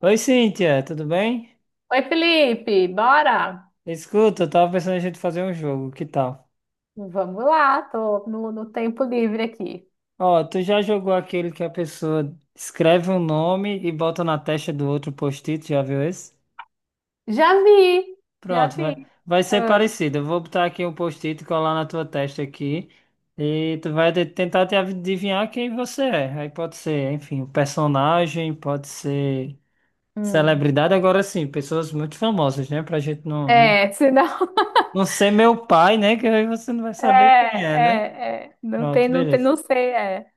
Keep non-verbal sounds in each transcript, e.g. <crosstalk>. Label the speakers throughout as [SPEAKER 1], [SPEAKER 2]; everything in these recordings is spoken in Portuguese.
[SPEAKER 1] Oi, Cíntia, tudo bem?
[SPEAKER 2] Oi, Felipe, bora?
[SPEAKER 1] Escuta, eu tava pensando em a gente fazer um jogo, que tal?
[SPEAKER 2] Vamos lá, tô no tempo livre aqui.
[SPEAKER 1] Ó, tu já jogou aquele que a pessoa escreve um nome e bota na testa do outro post-it, já viu esse?
[SPEAKER 2] Já vi, já
[SPEAKER 1] Pronto,
[SPEAKER 2] vi.
[SPEAKER 1] vai, vai ser
[SPEAKER 2] Ah,
[SPEAKER 1] parecido. Eu vou botar aqui um post-it e colar na tua testa aqui e tentar te adivinhar quem você é. Aí pode ser, enfim, um personagem, pode ser
[SPEAKER 2] hum.
[SPEAKER 1] celebridade, agora sim, pessoas muito famosas, né? Pra gente não
[SPEAKER 2] É, senão. <laughs>
[SPEAKER 1] não ser meu pai, né? Que aí você não vai
[SPEAKER 2] É,
[SPEAKER 1] saber quem é, né?
[SPEAKER 2] é, é. Não tem,
[SPEAKER 1] Pronto,
[SPEAKER 2] não tem,
[SPEAKER 1] beleza.
[SPEAKER 2] não sei, é.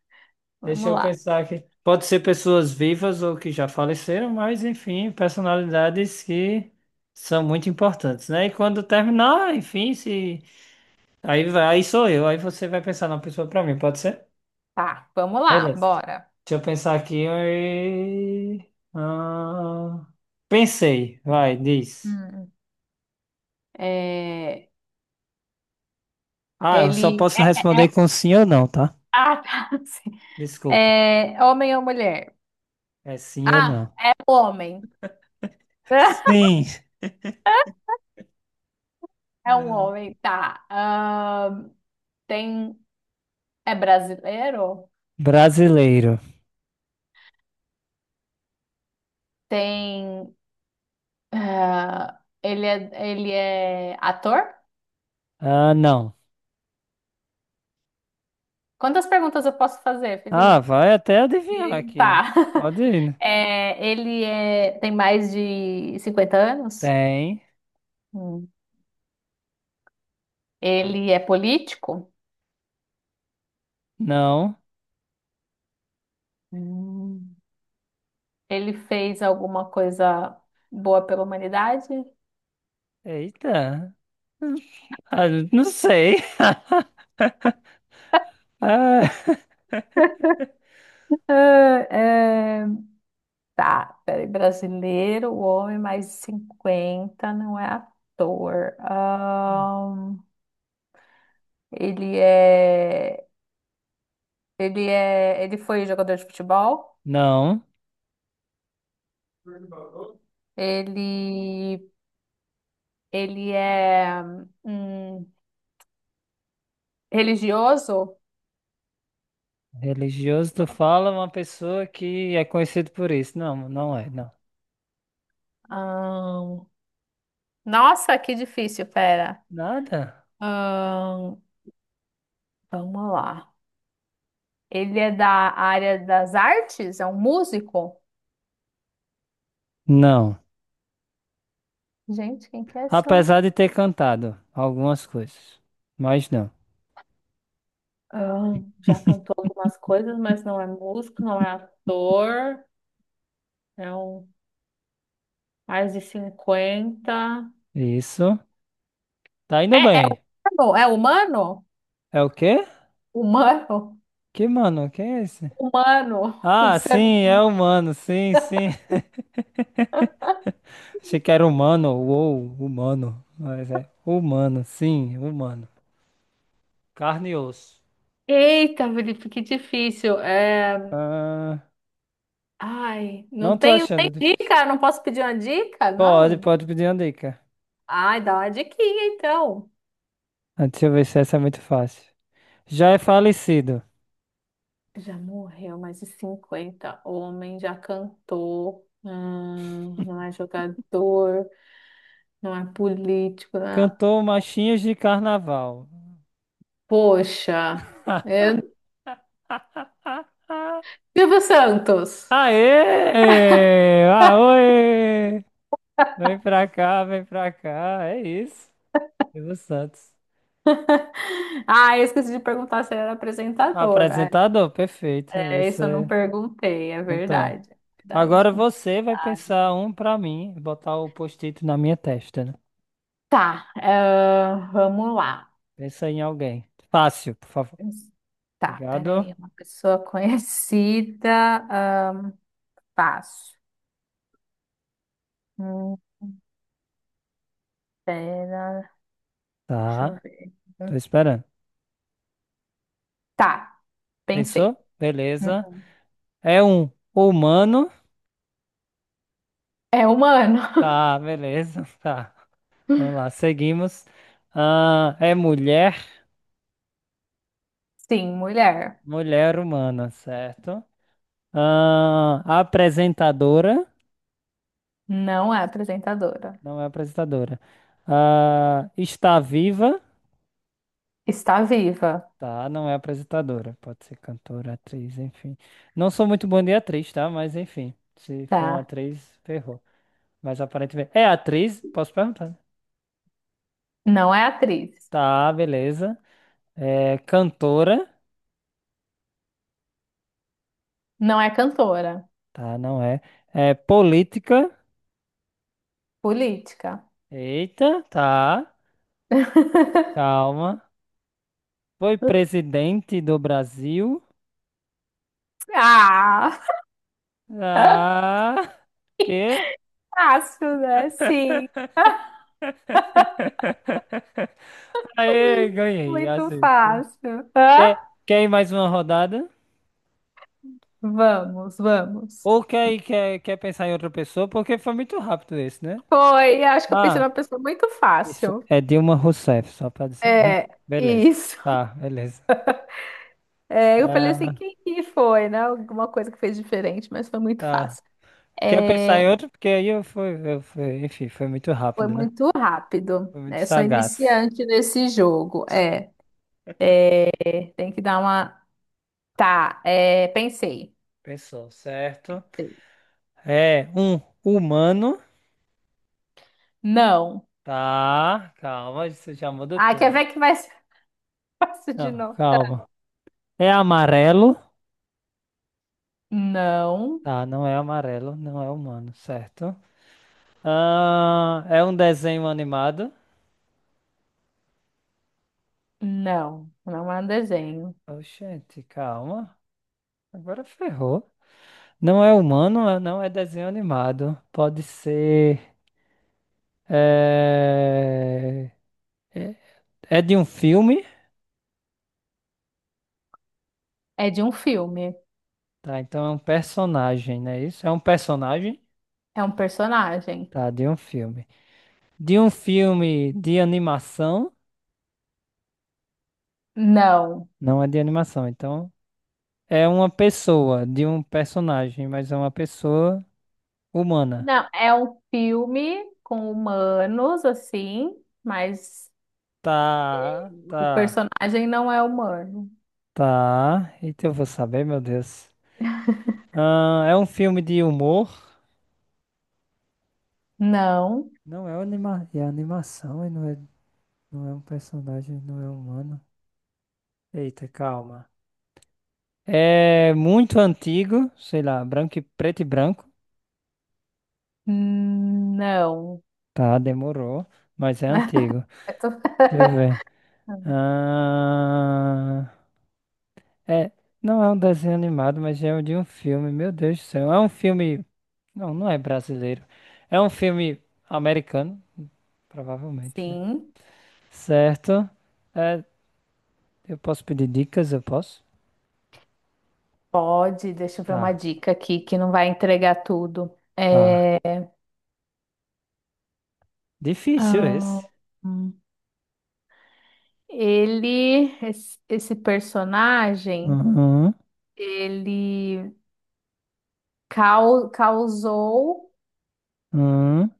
[SPEAKER 1] Deixa
[SPEAKER 2] Vamos
[SPEAKER 1] eu
[SPEAKER 2] lá.
[SPEAKER 1] pensar aqui. Pode ser pessoas vivas ou que já faleceram, mas enfim, personalidades que são muito importantes, né? E quando terminar, enfim, se aí vai, aí sou eu, aí você vai pensar na pessoa pra mim, pode ser?
[SPEAKER 2] Tá, vamos lá,
[SPEAKER 1] Beleza.
[SPEAKER 2] bora.
[SPEAKER 1] Deixa eu pensar aqui. Ah, pensei, vai, diz.
[SPEAKER 2] Hum. É,
[SPEAKER 1] Ah, eu só
[SPEAKER 2] ele.
[SPEAKER 1] posso
[SPEAKER 2] É,
[SPEAKER 1] responder com sim ou não, tá?
[SPEAKER 2] Ah, tá. <laughs> Sim.
[SPEAKER 1] Desculpa.
[SPEAKER 2] É, homem ou mulher?
[SPEAKER 1] É sim ou
[SPEAKER 2] Ah,
[SPEAKER 1] não.
[SPEAKER 2] é homem. <laughs>
[SPEAKER 1] Sim,
[SPEAKER 2] É um homem, tá. Tem. É brasileiro?
[SPEAKER 1] brasileiro.
[SPEAKER 2] Tem. Ah, ele é ator?
[SPEAKER 1] Ah, não.
[SPEAKER 2] Quantas perguntas eu posso fazer,
[SPEAKER 1] Ah,
[SPEAKER 2] Felipe?
[SPEAKER 1] vai até adivinhar aqui.
[SPEAKER 2] Tá. <laughs>
[SPEAKER 1] Pode ir, né?
[SPEAKER 2] É, ele é, tem mais de 50 anos?
[SPEAKER 1] Tem.
[SPEAKER 2] Hum. Ele é político?
[SPEAKER 1] Não.
[SPEAKER 2] Hum. Ele fez alguma coisa boa pela humanidade?
[SPEAKER 1] Eita. Ah, não sei. <laughs> Ah,
[SPEAKER 2] Ah, é, tá, peraí, brasileiro, o homem mais de 50 não é ator. Ele é, ele é, ele foi jogador de futebol.
[SPEAKER 1] não.
[SPEAKER 2] Ele, ele é hum, religioso.
[SPEAKER 1] Religioso, tu fala uma pessoa que é conhecida por isso. Não, não é, não.
[SPEAKER 2] Ahn, nossa, que difícil, pera.
[SPEAKER 1] Nada?
[SPEAKER 2] Ahn, vamos lá. Ele é da área das artes? É um músico?
[SPEAKER 1] Não.
[SPEAKER 2] Gente, quem que é esse?
[SPEAKER 1] Apesar de ter cantado algumas coisas. Mas não.
[SPEAKER 2] Ah, já cantou algumas coisas, mas não é músico, não é ator. É um mais de cinquenta.
[SPEAKER 1] Isso. Tá indo
[SPEAKER 2] É, é
[SPEAKER 1] bem.
[SPEAKER 2] humano? É humano?
[SPEAKER 1] É o quê?
[SPEAKER 2] Humano?
[SPEAKER 1] Que mano? Quem é esse?
[SPEAKER 2] Humano. Um
[SPEAKER 1] Ah,
[SPEAKER 2] ser...
[SPEAKER 1] sim, é humano. Sim, sim. Achei que era humano, ou humano, mas é humano, sim, humano. Carne e osso.
[SPEAKER 2] Eita, Felipe, que difícil. É...
[SPEAKER 1] Ah,
[SPEAKER 2] Ai, não
[SPEAKER 1] não tô
[SPEAKER 2] tenho
[SPEAKER 1] achando
[SPEAKER 2] nem
[SPEAKER 1] difícil.
[SPEAKER 2] dica, não posso pedir uma dica,
[SPEAKER 1] Pode,
[SPEAKER 2] não?
[SPEAKER 1] pode pedir uma dica.
[SPEAKER 2] Ai, dá uma diquinha então.
[SPEAKER 1] Ah, deixa eu ver se essa é muito fácil. Já é falecido.
[SPEAKER 2] Já morreu, mais de cinquenta, homem, já cantou. Não é jogador. Não é político, né?
[SPEAKER 1] Cantou Machinhos de Carnaval.
[SPEAKER 2] Poxa, é...
[SPEAKER 1] <laughs>
[SPEAKER 2] Silvio Santos.
[SPEAKER 1] Aê! Ah, vem pra cá, vem pra cá. É isso. Silvio Santos.
[SPEAKER 2] Ah, eu esqueci de perguntar se ele era apresentador.
[SPEAKER 1] Apresentador, perfeito.
[SPEAKER 2] É,
[SPEAKER 1] Isso
[SPEAKER 2] isso eu não
[SPEAKER 1] é.
[SPEAKER 2] perguntei, é
[SPEAKER 1] Então.
[SPEAKER 2] verdade. É verdade.
[SPEAKER 1] Agora você vai pensar um pra mim, botar o post-it na minha testa, né?
[SPEAKER 2] Tá, ah, vamos lá.
[SPEAKER 1] Pensa em alguém. Fácil, por favor.
[SPEAKER 2] Tá,
[SPEAKER 1] Obrigado.
[SPEAKER 2] peraí, uma pessoa <laughs> conhecida, ahn, fácil. Hum, pera, deixa eu
[SPEAKER 1] Tá,
[SPEAKER 2] ver.
[SPEAKER 1] tô esperando.
[SPEAKER 2] Tá,
[SPEAKER 1] Pensou?
[SPEAKER 2] pensei.
[SPEAKER 1] Beleza.
[SPEAKER 2] Uhum.
[SPEAKER 1] É um humano.
[SPEAKER 2] É humano.
[SPEAKER 1] Tá, beleza. <laughs> Tá. Vamos lá,
[SPEAKER 2] <laughs>
[SPEAKER 1] seguimos. Ah, é mulher.
[SPEAKER 2] Sim, mulher.
[SPEAKER 1] Mulher humana, certo? Ah, apresentadora.
[SPEAKER 2] Não é apresentadora.
[SPEAKER 1] Não é apresentadora. Ah, está viva.
[SPEAKER 2] Está viva.
[SPEAKER 1] Tá, não é apresentadora. Pode ser cantora, atriz, enfim. Não sou muito bom de atriz, tá? Mas enfim. Se for uma
[SPEAKER 2] Tá.
[SPEAKER 1] atriz, ferrou. Mas aparentemente. É atriz? Posso perguntar, né?
[SPEAKER 2] Não é atriz.
[SPEAKER 1] Tá, beleza. É cantora.
[SPEAKER 2] Não é cantora.
[SPEAKER 1] Tá, não é. É política.
[SPEAKER 2] Política.
[SPEAKER 1] Eita, tá.
[SPEAKER 2] <laughs>
[SPEAKER 1] Calma. Foi presidente do Brasil.
[SPEAKER 2] Ah!
[SPEAKER 1] Ah, quê?
[SPEAKER 2] Fácil, né? Sim.
[SPEAKER 1] <laughs> Aê,
[SPEAKER 2] <laughs>
[SPEAKER 1] ganhei.
[SPEAKER 2] Muito
[SPEAKER 1] Assim.
[SPEAKER 2] fácil. Hã?
[SPEAKER 1] Quer, quer ir mais uma rodada?
[SPEAKER 2] Vamos, vamos.
[SPEAKER 1] Ou quer pensar em outra pessoa, porque foi muito rápido esse, né?
[SPEAKER 2] Foi, acho que eu pensei
[SPEAKER 1] Ah,
[SPEAKER 2] numa pessoa muito
[SPEAKER 1] isso.
[SPEAKER 2] fácil.
[SPEAKER 1] É Dilma Rousseff, só pra dizer, né?
[SPEAKER 2] É,
[SPEAKER 1] Beleza.
[SPEAKER 2] isso.
[SPEAKER 1] Tá, beleza.
[SPEAKER 2] É, eu falei assim,
[SPEAKER 1] Ah,
[SPEAKER 2] quem que foi, né? Alguma coisa que fez diferente, mas foi muito
[SPEAKER 1] tá.
[SPEAKER 2] fácil.
[SPEAKER 1] Quer pensar
[SPEAKER 2] É,
[SPEAKER 1] em outro? Porque aí eu fui, enfim, foi muito
[SPEAKER 2] foi
[SPEAKER 1] rápido, né?
[SPEAKER 2] muito rápido,
[SPEAKER 1] Foi muito
[SPEAKER 2] né? Sou
[SPEAKER 1] sagaz.
[SPEAKER 2] iniciante nesse jogo. Tem que dar uma... Tá, é, pensei.
[SPEAKER 1] Pensou, certo? É um humano.
[SPEAKER 2] Não.
[SPEAKER 1] Tá, calma, isso já muda
[SPEAKER 2] Ah, quer
[SPEAKER 1] tudo.
[SPEAKER 2] ver que vai ser <laughs> fácil de
[SPEAKER 1] Não,
[SPEAKER 2] novo?
[SPEAKER 1] calma. É amarelo.
[SPEAKER 2] Não,
[SPEAKER 1] Tá, não é amarelo, não é humano, certo? Ah, é um desenho animado.
[SPEAKER 2] não. Não é um desenho.
[SPEAKER 1] Oxente, calma. Agora ferrou. Não é humano, não é desenho animado. Pode ser. É... É é de um filme,
[SPEAKER 2] É de um filme.
[SPEAKER 1] tá? Então é um personagem, não é isso? É um personagem,
[SPEAKER 2] É um personagem.
[SPEAKER 1] tá? De um filme. De um filme de animação,
[SPEAKER 2] Não.
[SPEAKER 1] não é de animação. Então é uma pessoa, de um personagem, mas é uma pessoa humana.
[SPEAKER 2] Não, é um filme com humanos, assim, mas
[SPEAKER 1] Tá,
[SPEAKER 2] o
[SPEAKER 1] tá,
[SPEAKER 2] personagem não é humano.
[SPEAKER 1] tá. Eita, eu vou saber, meu Deus. Ah, é um filme de humor.
[SPEAKER 2] Não,
[SPEAKER 1] Não é anima... é animação e não é... não é um personagem, não é humano. Eita, calma. É muito antigo, sei lá, branco e preto e branco.
[SPEAKER 2] não.
[SPEAKER 1] Tá, demorou, mas é
[SPEAKER 2] <laughs>
[SPEAKER 1] antigo.
[SPEAKER 2] Eu tô-
[SPEAKER 1] Deixa eu ver.
[SPEAKER 2] <laughs>
[SPEAKER 1] Ah, é, não é um desenho animado, mas é de um filme. Meu Deus do céu. É um filme. Não, não é brasileiro. É um filme americano, provavelmente, né?
[SPEAKER 2] Sim.
[SPEAKER 1] Certo. É, eu posso pedir dicas? Eu posso?
[SPEAKER 2] Pode, deixa eu ver uma
[SPEAKER 1] Tá,
[SPEAKER 2] dica aqui que não vai entregar tudo.
[SPEAKER 1] tá.
[SPEAKER 2] É,
[SPEAKER 1] Difícil
[SPEAKER 2] ah,
[SPEAKER 1] esse.
[SPEAKER 2] hum. esse personagem,
[SPEAKER 1] Uhum,
[SPEAKER 2] ele causou
[SPEAKER 1] uhum.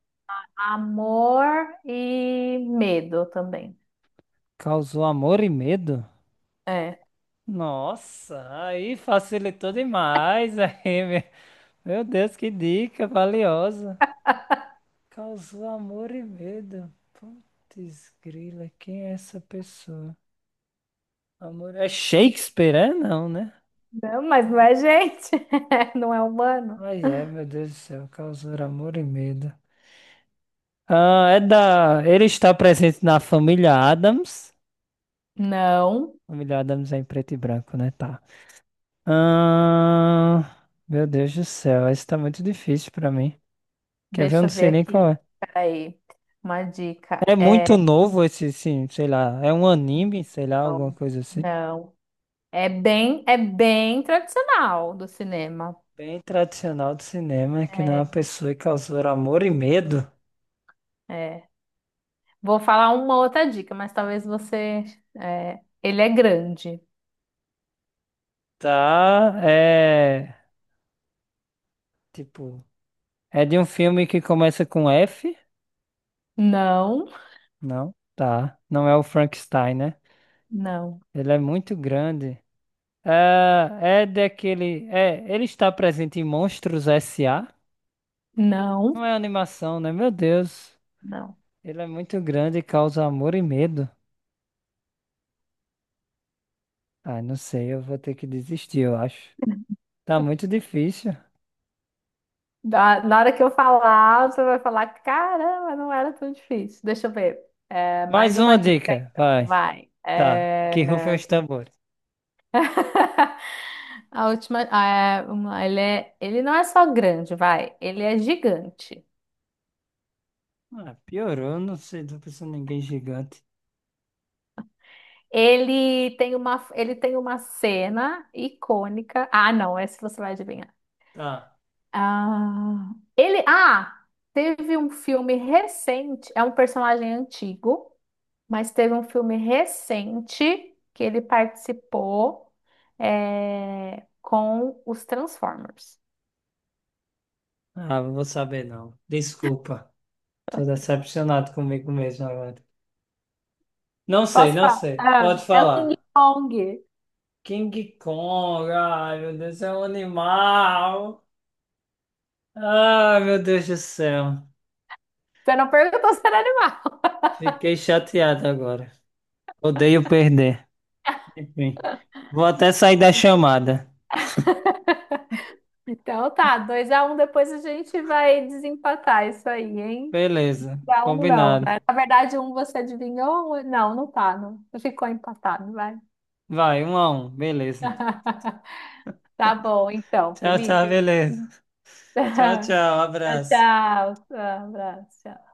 [SPEAKER 2] amor e medo também.
[SPEAKER 1] Causou amor e medo?
[SPEAKER 2] É.
[SPEAKER 1] Nossa, aí facilitou demais. <laughs> Meu Deus, que dica valiosa. Causou amor e medo. Putz, grila, quem é essa pessoa? Amor é Shakespeare, é? Não, né?
[SPEAKER 2] Não, mas não é gente, <laughs> não é humano.
[SPEAKER 1] Ai, é, meu Deus do céu, causou amor e medo. Ah, é da. Ele está presente na família Adams.
[SPEAKER 2] Não,
[SPEAKER 1] Família Adams é em preto e branco, né? Tá. Ah, meu Deus do céu, esse tá muito difícil pra mim. Quer ver? Eu
[SPEAKER 2] deixa
[SPEAKER 1] não
[SPEAKER 2] eu ver
[SPEAKER 1] sei nem qual
[SPEAKER 2] aqui.
[SPEAKER 1] é.
[SPEAKER 2] Peraí, uma dica.
[SPEAKER 1] É muito
[SPEAKER 2] É,
[SPEAKER 1] novo esse, sim, sei lá. É um anime, sei lá, alguma coisa assim.
[SPEAKER 2] não. É bem tradicional do cinema.
[SPEAKER 1] Bem tradicional do cinema, que não é
[SPEAKER 2] É,
[SPEAKER 1] uma pessoa que causou amor e medo.
[SPEAKER 2] é. Vou falar uma outra dica, mas talvez você... É, ele é grande.
[SPEAKER 1] Tá, é. Tipo, é de um filme que começa com F?
[SPEAKER 2] Não,
[SPEAKER 1] Não, tá. Não é o Frankenstein, né?
[SPEAKER 2] não,
[SPEAKER 1] Ele é muito grande. Ah, é daquele. É, ele está presente em Monstros S.A.
[SPEAKER 2] não,
[SPEAKER 1] Não é animação, né? Meu Deus.
[SPEAKER 2] não.
[SPEAKER 1] Ele é muito grande e causa amor e medo. Ah, não sei, eu vou ter que desistir, eu acho. Tá muito difícil.
[SPEAKER 2] Na hora que eu falar, você vai falar: caramba, não era tão difícil. Deixa eu ver. É, mais
[SPEAKER 1] Mais
[SPEAKER 2] uma
[SPEAKER 1] uma
[SPEAKER 2] dica,
[SPEAKER 1] dica,
[SPEAKER 2] então.
[SPEAKER 1] vai.
[SPEAKER 2] Vai.
[SPEAKER 1] Tá.
[SPEAKER 2] É,
[SPEAKER 1] Que rufem os tambores.
[SPEAKER 2] <laughs> a última. Ah, é, ele é, ele não é só grande, vai. Ele é gigante.
[SPEAKER 1] Ah, piorou, não sei, tô pensando em ninguém gigante.
[SPEAKER 2] Ele tem uma cena icônica. Ah, não, essa você vai adivinhar.
[SPEAKER 1] Tá.
[SPEAKER 2] Ah, teve um filme recente, é um personagem antigo, mas teve um filme recente que ele participou, é, com os Transformers.
[SPEAKER 1] Ah, não vou saber não. Desculpa. Tô decepcionado comigo mesmo agora. Não sei,
[SPEAKER 2] Posso
[SPEAKER 1] não
[SPEAKER 2] falar?
[SPEAKER 1] sei.
[SPEAKER 2] Ah,
[SPEAKER 1] Pode
[SPEAKER 2] é o King
[SPEAKER 1] falar.
[SPEAKER 2] Kong.
[SPEAKER 1] King Kong, ai meu Deus, é um animal. Ai meu Deus do céu,
[SPEAKER 2] Você não perguntou se era animal.
[SPEAKER 1] fiquei chateado agora. Odeio perder. Enfim, vou até sair da
[SPEAKER 2] <laughs>
[SPEAKER 1] chamada.
[SPEAKER 2] Então tá, 2 a 1. Depois a gente vai desempatar isso aí, hein?
[SPEAKER 1] Beleza,
[SPEAKER 2] Pra um não,
[SPEAKER 1] combinado.
[SPEAKER 2] né? Na verdade, um você adivinhou? Não, não tá, não. Ficou empatado, vai.
[SPEAKER 1] Vai, um a um, beleza.
[SPEAKER 2] <laughs> Tá bom, então,
[SPEAKER 1] Tchau, tchau,
[SPEAKER 2] Felipe.
[SPEAKER 1] beleza.
[SPEAKER 2] <laughs>
[SPEAKER 1] Tchau,
[SPEAKER 2] Tchau,
[SPEAKER 1] tchau, abraço.
[SPEAKER 2] tchau. Um abraço. Tchau.